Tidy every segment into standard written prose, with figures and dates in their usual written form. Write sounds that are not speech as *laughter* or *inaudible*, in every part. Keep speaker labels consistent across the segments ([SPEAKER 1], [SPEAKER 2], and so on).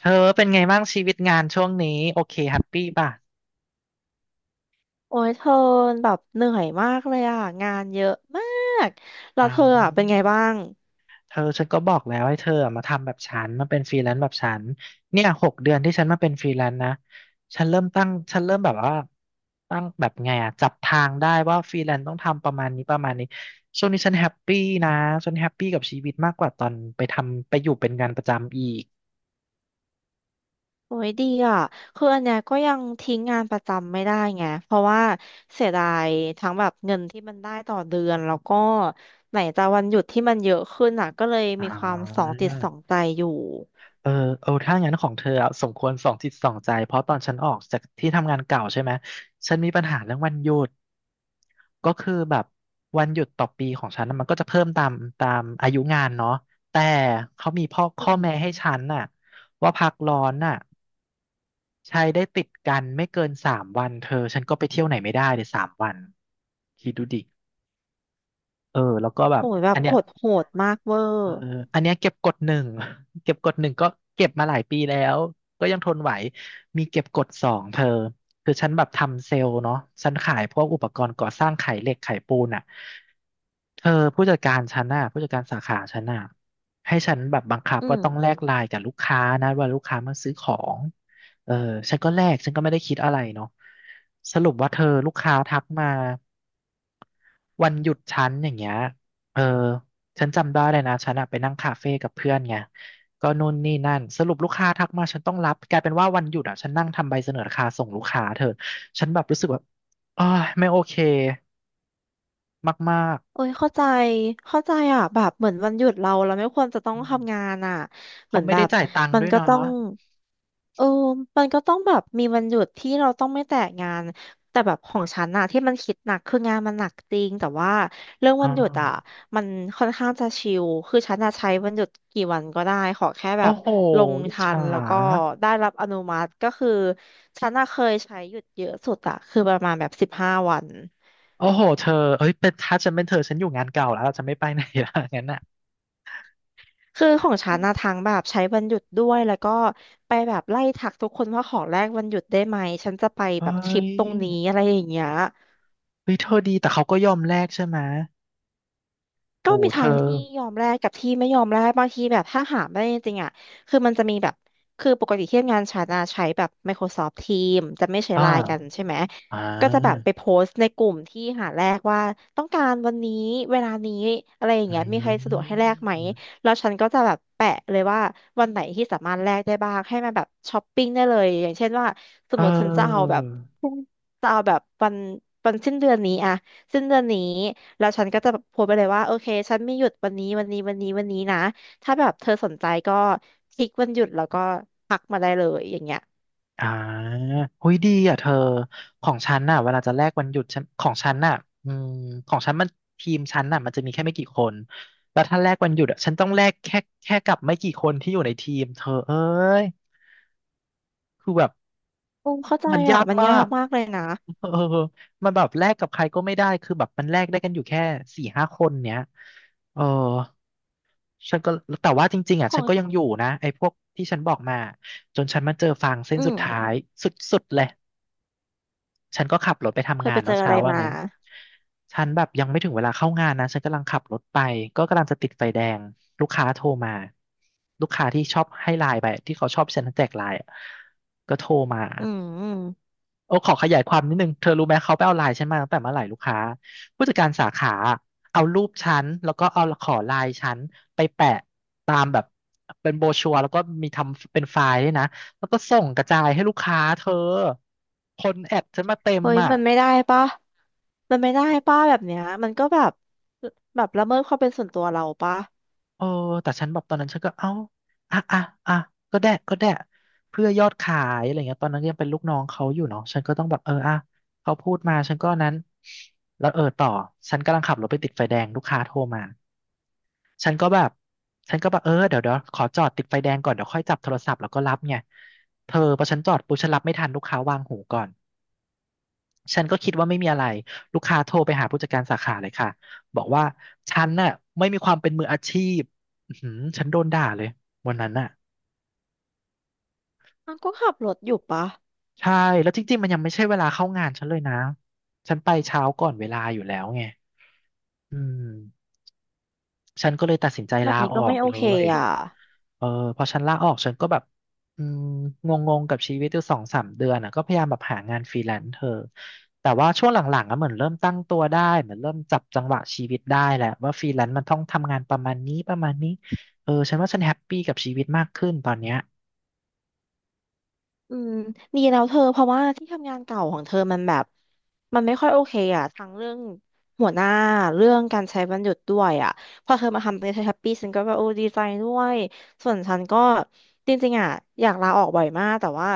[SPEAKER 1] เธอเป็นไงบ้างชีวิตงานช่วงนี้โอเคแฮปปี้ป่ะ
[SPEAKER 2] โอ้ยเธอแบบเหนื่อยมากเลยอ่ะงานเยอะมากแล้ว
[SPEAKER 1] เอา
[SPEAKER 2] เธออ่ะเป็นไงบ้าง
[SPEAKER 1] เธอฉันก็บอกแล้วให้เธออะมาทำแบบฉันมาเป็นฟรีแลนซ์แบบฉันเนี่ย6 เดือนที่ฉันมาเป็นฟรีแลนซ์นะฉันเริ่มแบบว่าตั้งแบบไงอะจับทางได้ว่าฟรีแลนซ์ต้องทำประมาณนี้ประมาณนี้ช่วงนี้ฉันแฮปปี้นะฉันแฮปปี้กับชีวิตมากกว่าตอนไปทำไปอยู่เป็นงานประจำอีก
[SPEAKER 2] โอ้ยดีอ่ะคืออันเนี้ยก็ยังทิ้งงานประจำไม่ได้ไงเพราะว่าเสียดายทั้งแบบเงินที่มันได้ต่อเดือนแล้วก็ไหนจะวันหยุดที่มันเยอะขึ้นอ่ะก็เลย
[SPEAKER 1] อ๋อ
[SPEAKER 2] มีความสองจิตสองใจอยู่
[SPEAKER 1] เออเออถ้างั้นของเธออะสมควรสองจิตสองใจเพราะตอนฉันออกจากที่ทำงานเก่าใช่ไหมฉันมีปัญหาเรื่องวันหยุด ก็คือแบบวันหยุดต่อปีของฉันน่ะมันก็จะเพิ่มตามอายุงานเนาะแต่เขามีพ่อ
[SPEAKER 2] อื
[SPEAKER 1] ข้อแม้
[SPEAKER 2] ม
[SPEAKER 1] ให้ฉันน่ะว่าพักร้อนน่ะใช้ได้ติดกันไม่เกินสามวันเธอฉันก็ไปเที่ยวไหนไม่ได้เลยสามวันคิดดูดิเออแล้วก็แบบ
[SPEAKER 2] โอ้ยแบ
[SPEAKER 1] อั
[SPEAKER 2] บ
[SPEAKER 1] นเนี้
[SPEAKER 2] ก
[SPEAKER 1] ย
[SPEAKER 2] ดโหดมากเวอ
[SPEAKER 1] เอ
[SPEAKER 2] ร์
[SPEAKER 1] ออันเนี้ยเก็บกดหนึ่ง *laughs* เก็บกดหนึ่งก็เก็บมาหลายปีแล้วก็ยังทนไหวมีเก็บกดสองเธอคือฉันแบบทำเซลล์เนาะฉันขายพวกอุปกรณ์ก่อสร้างขายเหล็กขายปูนอ่ะเธอผู้จัดการฉันน่ะผู้จัดการสาขาฉันน่ะให้ฉันแบบบังคับ
[SPEAKER 2] อื
[SPEAKER 1] ว่า
[SPEAKER 2] ม
[SPEAKER 1] ต้องแลกไลน์กับลูกค้านะว่าลูกค้ามาซื้อของเออฉันก็แลกฉันก็ไม่ได้คิดอะไรเนาะสรุปว่าเธอลูกค้าทักมา วันหยุดฉันอย่างเงี้ยเออฉันจำได้เลยนะฉันอะไปนั่งคาเฟ่กับเพื่อนไงก็นู่นนี่นั่น สรุปลูกค้าทักมาฉันต้องรับกลายเป็นว่าวันหยุดอะฉันนั่งทำใบเสนอราคาส่งลูกค้าเธอฉันแบบรู้สึกแบบอ้ายไม่โอเคมาก
[SPEAKER 2] โอ้ยเข้าใจเข้าใจอ่ะแบบเหมือนวันหยุดเราเราไม่ควรจะต้
[SPEAKER 1] ๆ
[SPEAKER 2] อง
[SPEAKER 1] อืม
[SPEAKER 2] ทำงานอ่ะเห
[SPEAKER 1] เขา
[SPEAKER 2] มือน
[SPEAKER 1] ไม่
[SPEAKER 2] แบ
[SPEAKER 1] ได้
[SPEAKER 2] บ
[SPEAKER 1] จ่ายตังค์
[SPEAKER 2] มัน
[SPEAKER 1] ด้วย
[SPEAKER 2] ก็
[SPEAKER 1] เนาะ
[SPEAKER 2] ต้อง เออมันก็ต้องแบบมีวันหยุดที่เราต้องไม่แตะงานแต่แบบของฉันอะที่มันคิดหนักคืองานมันหนักจริงแต่ว่าเรื่อง
[SPEAKER 1] อ่
[SPEAKER 2] วันหยุดอะ
[SPEAKER 1] า
[SPEAKER 2] มันค่อนข้างจะชิลคือฉันอะใช้วันหยุดกี่วันก็ได้ขอแค่แบ
[SPEAKER 1] โอ้
[SPEAKER 2] บ
[SPEAKER 1] โห
[SPEAKER 2] ลง
[SPEAKER 1] อิจ
[SPEAKER 2] ทั
[SPEAKER 1] ฉา
[SPEAKER 2] นแล้วก็ได้รับอนุมัติก็คือฉันอะเคยใช้หยุดเยอะสุดอะคือประมาณแบบ15 วัน
[SPEAKER 1] โอ้โหเธอเอ้ยเป็นถ้าฉันเป็นเธอฉันอยู่งานเก่าแล้วเราจะไม่ไปไหนละ *laughs* งั้นอ่ะ
[SPEAKER 2] คือของฉันนะทั้งแบบใช้วันหยุดด้วยแล้วก็ไปแบบไล่ทักทุกคนว่าขอแลกวันหยุดได้ไหมฉันจะไป
[SPEAKER 1] เฮ้
[SPEAKER 2] แบบทริป
[SPEAKER 1] ย
[SPEAKER 2] ตรงนี้อะไรอย่างเงี้ย
[SPEAKER 1] เฮ้ยเธอดีแต่เขาก็ยอมแลกใช่ไหม
[SPEAKER 2] ก็
[SPEAKER 1] โอ้
[SPEAKER 2] มี
[SPEAKER 1] เธ
[SPEAKER 2] ทา
[SPEAKER 1] อ
[SPEAKER 2] งที่ยอมแลกกับที่ไม่ยอมแลกบางทีแบบถ้าหาไม่ได้จริงๆอ่ะคือมันจะมีแบบคือปกติที่ทำงานฉันอะใช้แบบ Microsoft Teams จะไม่ใช้
[SPEAKER 1] อ่า
[SPEAKER 2] ไลน์กันใช่ไหม
[SPEAKER 1] อ่
[SPEAKER 2] ก็จะแบบ
[SPEAKER 1] า
[SPEAKER 2] ไปโพสต์ในกลุ่มที่หาแลกว่าต้องการวันนี้เวลานี้อะไรอย่าง
[SPEAKER 1] อ
[SPEAKER 2] เงี้ยมีใครสะดวกให้แลกไหม
[SPEAKER 1] ืม
[SPEAKER 2] แล้วฉันก็จะแบบแปะเลยว่าวันไหนที่สามารถแลกได้บ้างให้มันแบบช้อปปิ้งได้เลยอย่างเช่นว่าส
[SPEAKER 1] เ
[SPEAKER 2] มมติฉันจะเอา
[SPEAKER 1] ออ
[SPEAKER 2] แบบจะเอาแบบวันวันสิ้นเดือนนี้อะสิ้นเดือนนี้ แล้วฉันก็จะแบบโพสต์ไปเลยว่าโอเคฉันมีหยุดวันนี้วันนี้วันนี้วันนี้นะถ้าแบบเธอสนใจก็คลิกวันหยุดแล้วก็พักมาได้เลยอย่างเงี้ย
[SPEAKER 1] อ่าหุยดีอ่ะเธอ ของฉันน่ะเวลาจะแลกวันหยุดฉันของฉันน่ะอืมของฉันมันทีมฉันน่ะมันจะมีแค่ไม่กี่คน แล้วถ้าแลกวันหยุดอ่ะฉันต้องแลกแค่กับไม่กี่คนที่อยู่ในทีมเธอเอ้ยคือแบบ
[SPEAKER 2] อืมเข้าใจ
[SPEAKER 1] มันยา
[SPEAKER 2] อ่ะ
[SPEAKER 1] ก
[SPEAKER 2] มัน
[SPEAKER 1] มา
[SPEAKER 2] ยาก
[SPEAKER 1] ก
[SPEAKER 2] มากเลยนะ
[SPEAKER 1] เออมันแบบแลกกับใครก็ไม่ได้คือแบบมันแลกได้กันอยู่แค่4-5 คนเนี้ยเออ ฉันก็แต่ว่าจริงๆอ่ะ
[SPEAKER 2] ขอ
[SPEAKER 1] ฉัน
[SPEAKER 2] ง
[SPEAKER 1] ก็ยังอยู่นะไอ้พวกที่ฉันบอกมาจนฉันมาเจอฟางเส้น
[SPEAKER 2] อื
[SPEAKER 1] สุ
[SPEAKER 2] ม
[SPEAKER 1] ดท้ายสุดๆเลยฉันก็ขับรถไป
[SPEAKER 2] เธ
[SPEAKER 1] ทำ
[SPEAKER 2] อ
[SPEAKER 1] งา
[SPEAKER 2] ไป
[SPEAKER 1] น
[SPEAKER 2] เจอ
[SPEAKER 1] เนาะ
[SPEAKER 2] อะ
[SPEAKER 1] เช้า
[SPEAKER 2] ไร
[SPEAKER 1] วัน
[SPEAKER 2] มา
[SPEAKER 1] นั้นฉันแบบยังไม่ถึงเวลาเข้างานนะฉันกำลังขับรถไปก็กำลังจะติดไฟแดงลูกค้าโทรมาลูกค้าที่ชอบให้ไลน์ไปที่เขาชอบฉันแจกไลน์อะก็โทรมา
[SPEAKER 2] อืม
[SPEAKER 1] โอ้ขอขยายความนิดนึงเธอรู้ไหมเขาไปเอาไลน์ฉันมาตั้งแต่เมื่อไหร่ลูกค้าผู้จัดการสาขาเอารูปฉันแล้วก็เอาขอไลน์ฉันไปแปะตามแบบเป็นโบรชัวร์แล้วก็มีทำเป็นไฟล์ด้วยนะแล้วก็ส่งกระจายให้ลูกค้าเธอคนแอดฉันมาเต็ม
[SPEAKER 2] เฮ้ย
[SPEAKER 1] อ่ะ
[SPEAKER 2] มันไม่ได้ปะแบบเนี้ยมันก็แบบแบบละเมิดความเป็นส่วนตัวเราปะ
[SPEAKER 1] เออแต่ฉันแบบตอนนั้นฉันก็เอ้าอ่ะอ่ะอ่ะก็ได้ก็ได้เพื่อยอดขายอะไรเงี้ยตอนนั้นยังเป็นลูกน้องเขาอยู่เนาะฉันก็ต้องแบบเอออ่ะเขาพูดมาฉันก็นั้นแล้วเออต่อฉันกำลังขับรถไปติดไฟแดงลูกค้าโทรมาฉันก็แบบฉันก็แบบเออเดี๋ยวขอจอดติดไฟแดงก่อนเดี๋ยวค่อยจับโทรศัพท์แล้วก็รับไงเธอพอฉันจอดปุ๊บฉันรับไม่ทันลูกค้าวางหูก่อน ฉันก็คิดว่าไม่มีอะไรลูกค้าโทรไปหาผู้จัดการสาขาเลยค่ะบอกว่าฉันน่ะไม่มีความเป็นมืออาชีพอื้อหือฉันโดนด่าเลยวันนั้นน่ะ
[SPEAKER 2] มันก็ขับรถอยู่ปะ
[SPEAKER 1] ใช่แล้วจริงๆมันยังไม่ใช่เวลาเข้างานฉันเลยนะฉันไปเช้าก่อนเวลาอยู่แล้วไงอืมฉันก็เลยตัดสินใจ
[SPEAKER 2] แบ
[SPEAKER 1] ลา
[SPEAKER 2] บนี้
[SPEAKER 1] ออ
[SPEAKER 2] ก็ไม่
[SPEAKER 1] ก
[SPEAKER 2] โอ
[SPEAKER 1] เล
[SPEAKER 2] เค
[SPEAKER 1] ย
[SPEAKER 2] อ่ะ
[SPEAKER 1] เออพอฉันลาออกฉันก็แบบอืมงงงกับชีวิตอยู่2-3 เดือนอ่ะก็พยายามแบบหางานฟรีแลนซ์เธอแต่ว่าช่วงหลังๆอะเหมือนเริ่มตั้งตัวได้เหมือนเริ่มจับจังหวะชีวิตได้แหละว่าฟรีแลนซ์มันต้องทำงานประมาณนี้ประมาณนี้เออฉันว่าฉันแฮปปี้กับชีวิตมากขึ้นตอนเนี้ย
[SPEAKER 2] อืมดีแล้วเธอเพราะว่าที่ทำงานเก่าของเธอมันแบบมันไม่ค่อยโอเคอ่ะทั้งเรื่องหัวหน้าเรื่องการใช้วันหยุดด้วยอ่ะพอเธอมาทำเป็นแฮปปี้ฉันก็แบบโอ้ดีใจด้วยส่วนฉันก็จริงๆอ่ะอยากลาออกบ่อยมากแต่ว่า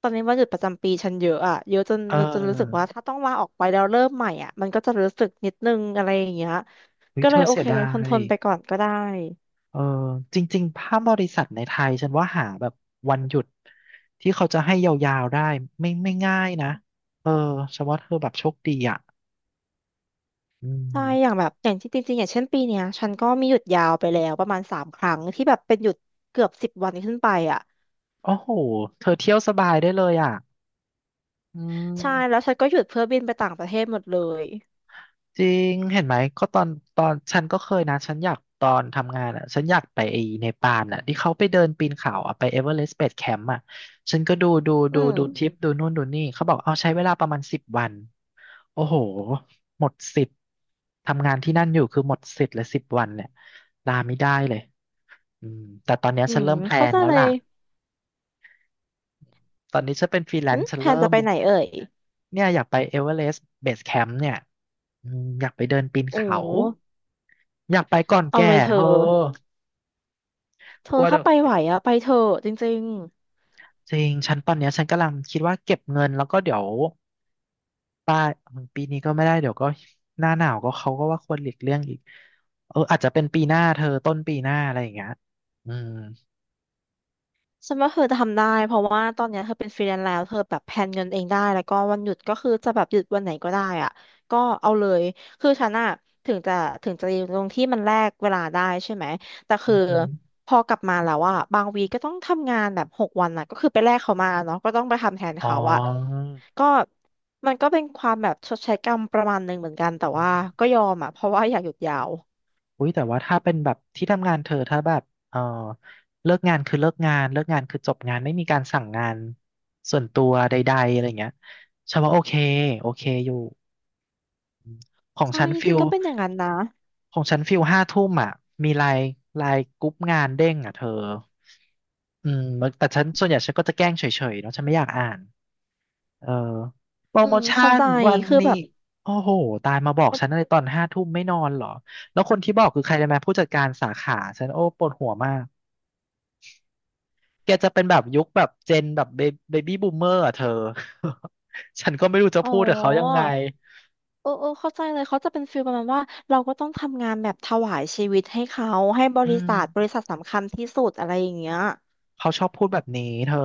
[SPEAKER 2] ตอนนี้วันหยุดประจำปีฉันเยอะอ่ะเยอะจน
[SPEAKER 1] เ
[SPEAKER 2] จนรู้สึกว่า
[SPEAKER 1] ออ
[SPEAKER 2] ถ้าต้องลาออกไปแล้วเริ่มใหม่อ่ะมันก็จะรู้สึกนิดนึงอะไรอย่างเงี้ย
[SPEAKER 1] วิ
[SPEAKER 2] ก็
[SPEAKER 1] เธ
[SPEAKER 2] เลย
[SPEAKER 1] อ
[SPEAKER 2] โอ
[SPEAKER 1] เสีย
[SPEAKER 2] เค
[SPEAKER 1] ดา
[SPEAKER 2] ทนท
[SPEAKER 1] ย
[SPEAKER 2] นไปก่อนก็ได้
[SPEAKER 1] เออจริงๆภาพบริษัทในไทยฉันว่าหาแบบวันหยุดที่เขาจะให้ยาวๆได้ไม่ง่ายนะเออฉันว่าเธอแบบโชคดีอ่ะอื
[SPEAKER 2] ใช่ อย่าง
[SPEAKER 1] ม
[SPEAKER 2] แบบอย่างที่จริงๆอย่างเช่นปีเนี้ยฉันก็มีหยุดยาวไปแล้วประมาณ3 ครั้งที่แบบเป็นหยุดเกือบ10 วันขึ้นไปอ่ะ
[SPEAKER 1] โอ้โหเธอเที่ยวสบายได้เลยอ่ะอื
[SPEAKER 2] ใช่แล้
[SPEAKER 1] ม
[SPEAKER 2] วฉันก็หยุดเพื่อบินไปต่างประเทศหมดเลย
[SPEAKER 1] จริงเห็นไหม ก็ตอนฉันก็เคยนะ ฉันอยากตอนทำงานอ่ะฉันอยากไปไอ้เนปาลอ่ะที่เขาไปเดินปีนเขาอ่ะไปเอเวอเรสต์เบสแคมป์อ่ะฉันก็ดูดู
[SPEAKER 2] อื
[SPEAKER 1] ดู
[SPEAKER 2] ม
[SPEAKER 1] ดูทริปดูนู่นดูนี่เขาบอกเอาใช้เวลาประมาณสิบวัน โอ้โห หมดสิทธิ์ทำงานที่นั่นอยู่คือหมดสิทธิ์เลยสิบวันเนี่ยลาไม่ได้เลยอืมแต่ตอนเนี้ย
[SPEAKER 2] อื
[SPEAKER 1] ฉัน
[SPEAKER 2] ม
[SPEAKER 1] เริ่มแพล
[SPEAKER 2] เขา
[SPEAKER 1] น
[SPEAKER 2] ใจะ
[SPEAKER 1] แล้ว
[SPEAKER 2] เล
[SPEAKER 1] ล่ะ
[SPEAKER 2] ย
[SPEAKER 1] ตอนนี้ฉันเป็นฟรีแล
[SPEAKER 2] อื
[SPEAKER 1] น
[SPEAKER 2] ม
[SPEAKER 1] ซ์ฉัน
[SPEAKER 2] แพน
[SPEAKER 1] เริ่
[SPEAKER 2] จะ
[SPEAKER 1] ม
[SPEAKER 2] ไปไหนเอ่ย
[SPEAKER 1] เนี่ยอยากไปเอเวอเรสต์เบสแคมป์เนี่ย อืมอยากไปเดินปีน
[SPEAKER 2] โอ
[SPEAKER 1] เขา
[SPEAKER 2] ้
[SPEAKER 1] อยากไปก่อน
[SPEAKER 2] เอา
[SPEAKER 1] แก่
[SPEAKER 2] เลยเธ
[SPEAKER 1] เธ
[SPEAKER 2] อ
[SPEAKER 1] อ
[SPEAKER 2] เธ
[SPEAKER 1] ก
[SPEAKER 2] อ
[SPEAKER 1] ลัวเดี๋
[SPEAKER 2] ถ้า
[SPEAKER 1] ยว
[SPEAKER 2] ไปไหวอ่ะไปเถอะจริง
[SPEAKER 1] จริงฉันตอนเนี้ยฉันกำลังคิดว่าเก็บเงินแล้วก็เดี๋ยวปลายปีนี้ก็ไม่ได้เดี๋ยวก็หน้าหนาวก็เขาก็ว่าควรหลีกเลี่ยงอีกเอออาจจะเป็นปีหน้าเธอต้นปีหน้าอะไรอย่างเงี้ยอืม
[SPEAKER 2] ฉันว่าเธอจะทำได้เพราะว่าตอนเนี้ยเธอเป็นฟรีแลนซ์แล้วเธอแบบแพลนเงินเองได้แล้วก็วันหยุดก็คือจะแบบหยุดวันไหนก็ได้อ่ะก็เอาเลยคือฉันอะถึงจะถึงจะอยู่ตรงที่มันแลกเวลาได้ใช่ไหมแต่คื
[SPEAKER 1] อื
[SPEAKER 2] อ
[SPEAKER 1] อหือ
[SPEAKER 2] พอกลับมาแล้วอ่ะบางวีก็ต้องทำงานแบบ6 วันอ่ะก็คือไปแลกเขามาเนาะก็ต้องไปทำแทน
[SPEAKER 1] อ๋อ
[SPEAKER 2] เขาอ่ะก็มันก็เป็นความแบบชดใช้กรรมประมาณหนึ่งเหมือนกันแต่ว่าก็ยอมอ่ะเพราะว่าอยากหยุดยาว
[SPEAKER 1] อุ้ยแต่ว่าถ้าเป็นแบบที่ทำงานเธอถ้าแบบเออเลิกงานคือเลิกงานเลิกงานคือจบงานไม่มีการสั่งงานส่วนตัวใดๆอะไรเงี้ยฉันว่าโอเคโอเคอยู่ ของ
[SPEAKER 2] ใช่
[SPEAKER 1] ฉัน
[SPEAKER 2] จ
[SPEAKER 1] ฟิ
[SPEAKER 2] ริง
[SPEAKER 1] ล
[SPEAKER 2] ๆก็เป็นอย่างนั้นนะ
[SPEAKER 1] ของฉันฟิลห้าทุ่มอ่ะมีไลน์ไลน์กรุ๊ปงานเด้งอ่ะเธออืมแต่ฉันส่วนใหญ่ฉันก็จะแกล้งเฉยๆเนาะฉันไม่อยากอ่านเออโปร
[SPEAKER 2] อื
[SPEAKER 1] โม
[SPEAKER 2] ม
[SPEAKER 1] ชั่
[SPEAKER 2] เข้า
[SPEAKER 1] น
[SPEAKER 2] ใจ
[SPEAKER 1] วัน
[SPEAKER 2] คือ
[SPEAKER 1] นี้
[SPEAKER 2] แบบ
[SPEAKER 1] โอ้โหตายมาบอก
[SPEAKER 2] เป็น
[SPEAKER 1] ฉันอะไรตอนห้าทุ่มไม่นอนเหรอแล้วคนที่บอกคือใครรู้ไหมผู้จัดการสาขาฉันโอ้ปวดหัวมากแกจะเป็นแบบยุคแบบเจนแบบเบบี้บูมเมอร์อ่ะเธอ *laughs* ฉันก็ไม่รู้จะ
[SPEAKER 2] อ๋อ
[SPEAKER 1] พูดกับเขายังไง
[SPEAKER 2] เออเออเข้าใจเลยเขาจะเป็นฟีลประมาณว่าเราก็ต้องทำงานแบบถวายชีวิตให้เขาให้บ
[SPEAKER 1] อื
[SPEAKER 2] ริ
[SPEAKER 1] ม
[SPEAKER 2] ษัทสำคัญที่สุดอะไรอย่างเงี้ย
[SPEAKER 1] เขาชอบพูดแบบนี้เธอ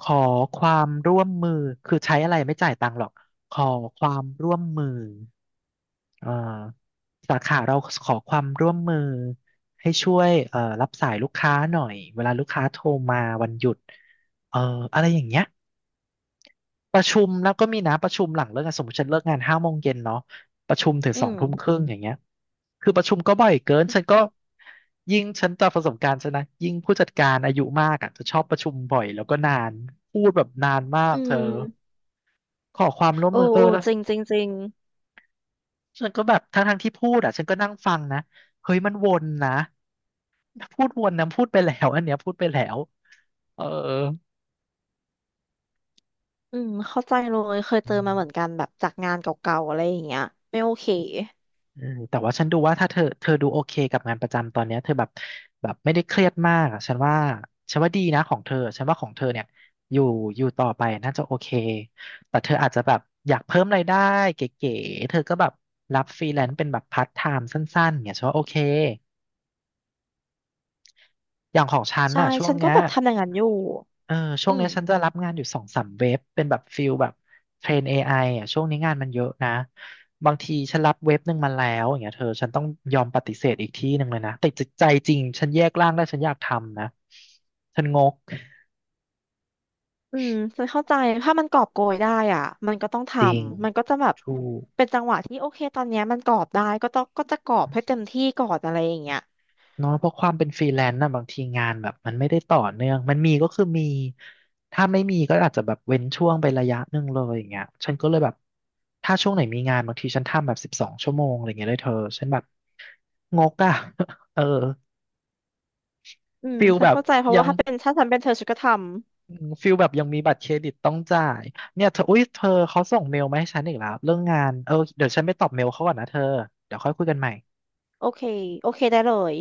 [SPEAKER 1] ขอความร่วมมือคือใช้อะไรไม่จ่ายตังค์หรอกขอความร่วมมือเอ่อสาขาเราขอความร่วมมือให้ช่วยรับสายลูกค้าหน่อยเวลาลูกค้าโทรมาวันหยุดเอ่ออะไรอย่างเงี้ย ประชุมแล้วก็มีนะประชุมหลังเลิกงานสมมติฉันเลิกงาน5 โมงเย็นเนาะประชุมถึง
[SPEAKER 2] อื
[SPEAKER 1] สอง
[SPEAKER 2] ม
[SPEAKER 1] ทุ่มครึ่งอย่างเงี้ยคือประชุมก็บ่อยเกินฉันก็ยิ่งฉันจากประสบการณ์ฉันนะยิ่งผู้จัดการอายุมากอ่ะจะชอบประชุมบ่อยแล้วก็นานพูดแบบนานมาก
[SPEAKER 2] อื
[SPEAKER 1] เธอ
[SPEAKER 2] ม
[SPEAKER 1] ขอความร่วม
[SPEAKER 2] โอ้
[SPEAKER 1] มือเออ
[SPEAKER 2] โอ้
[SPEAKER 1] แล้ว
[SPEAKER 2] จริงจริงจริง
[SPEAKER 1] ฉันก็แบบทั้งที่พูดอ่ะฉันก็นั่งฟังนะเฮ้ยมันวนนะพูดวนนะพูดไปแล้วอันเนี้ยพูดไปแล้วเออ
[SPEAKER 2] อืมเข้าใจเลยเคยเจอมาเหมือนกันแบบจากงานเก่าๆอะไรอย่างเงี้ยไม่โอเค
[SPEAKER 1] อืมแต่ว่าฉันดูว่าถ้าเธอดูโอเคกับงานประจำตอนเนี้ยเธอแบบแบบไม่ได้เครียดมากอ่ะฉันว่าฉันว่าดีนะของเธอฉันว่าของเธอเนี่ยอยู่อยู่ต่อไปน่าจะโอเคแต่เธออาจจะแบบอยากเพิ่มรายได้เก๋ๆเธอก็แบบรับฟรีแลนซ์เป็นแบบพาร์ทไทม์สั้นๆเนี่ยฉันว่าโอเคอย่างของฉัน
[SPEAKER 2] ใช่
[SPEAKER 1] น่ะช่วง
[SPEAKER 2] ฉันก็
[SPEAKER 1] เนี้ย
[SPEAKER 2] แบบทำอย่างนั้นอยู่
[SPEAKER 1] เออช่ว
[SPEAKER 2] อื
[SPEAKER 1] ง
[SPEAKER 2] ม
[SPEAKER 1] เนี้ยฉันจะรับงานอยู่2-3 เว็บเป็นแบบฟิลแบบเทรน AI อไออ่ะช่วงนี้งานมันเยอะนะบางทีฉันรับเว็บหนึ่งมาแล้วอย่างเงี้ยเธอฉันต้องยอมปฏิเสธอีกที่หนึ่งเลยนะแต่ใจจริงฉันแยกร่างได้ฉันอยากทำนะฉันงก
[SPEAKER 2] อืมฉันเข้าใจถ้ามันกอบโกยได้อ่ะมันก็ต้องท
[SPEAKER 1] จริง
[SPEAKER 2] ำมันก็จะแบบ
[SPEAKER 1] ถูก
[SPEAKER 2] เป็นจังหวะที่โอเคตอนเนี้ยมันกอบได้ก็ต้องจะกอบให้เต็มที่ก่อนอะไรอย่างเงี้ย
[SPEAKER 1] เนาะเพราะความเป็นฟรีแลนซ์น่ะบางทีงานแบบมันไม่ได้ต่อเนื่องมันมีก็คือมีถ้าไม่มีก็อาจจะแบบเว้นช่วงไประยะหนึ่งเลยอย่างเงี้ยฉันก็เลยแบบถ้าช่วงไหนมีงานบางทีฉันทำแบบ12 ชั่วโมงอะไรเงี้ยเลยเธอฉันแบบงกอ่ะ *laughs* เออ
[SPEAKER 2] อืม
[SPEAKER 1] ฟิล
[SPEAKER 2] ฉัน
[SPEAKER 1] แบบ
[SPEAKER 2] เข้าใจเพราะ
[SPEAKER 1] ยั
[SPEAKER 2] ว่า
[SPEAKER 1] ง
[SPEAKER 2] ถ้าฉันเป็นเธอฉันก็ท
[SPEAKER 1] อืมฟิลแบบยังมีบัตรเครดิตต้องจ่ายเนี่ยเธออุ้ยเธอเขาส่งเมลมาให้ฉันอีกแล้วเรื่องงานเออเดี๋ยวฉันไปตอบเมลเขาก่อนนะเธอเดี๋ยวค่อยคุยกันใหม่
[SPEAKER 2] ำโอเคโอเคได้เลย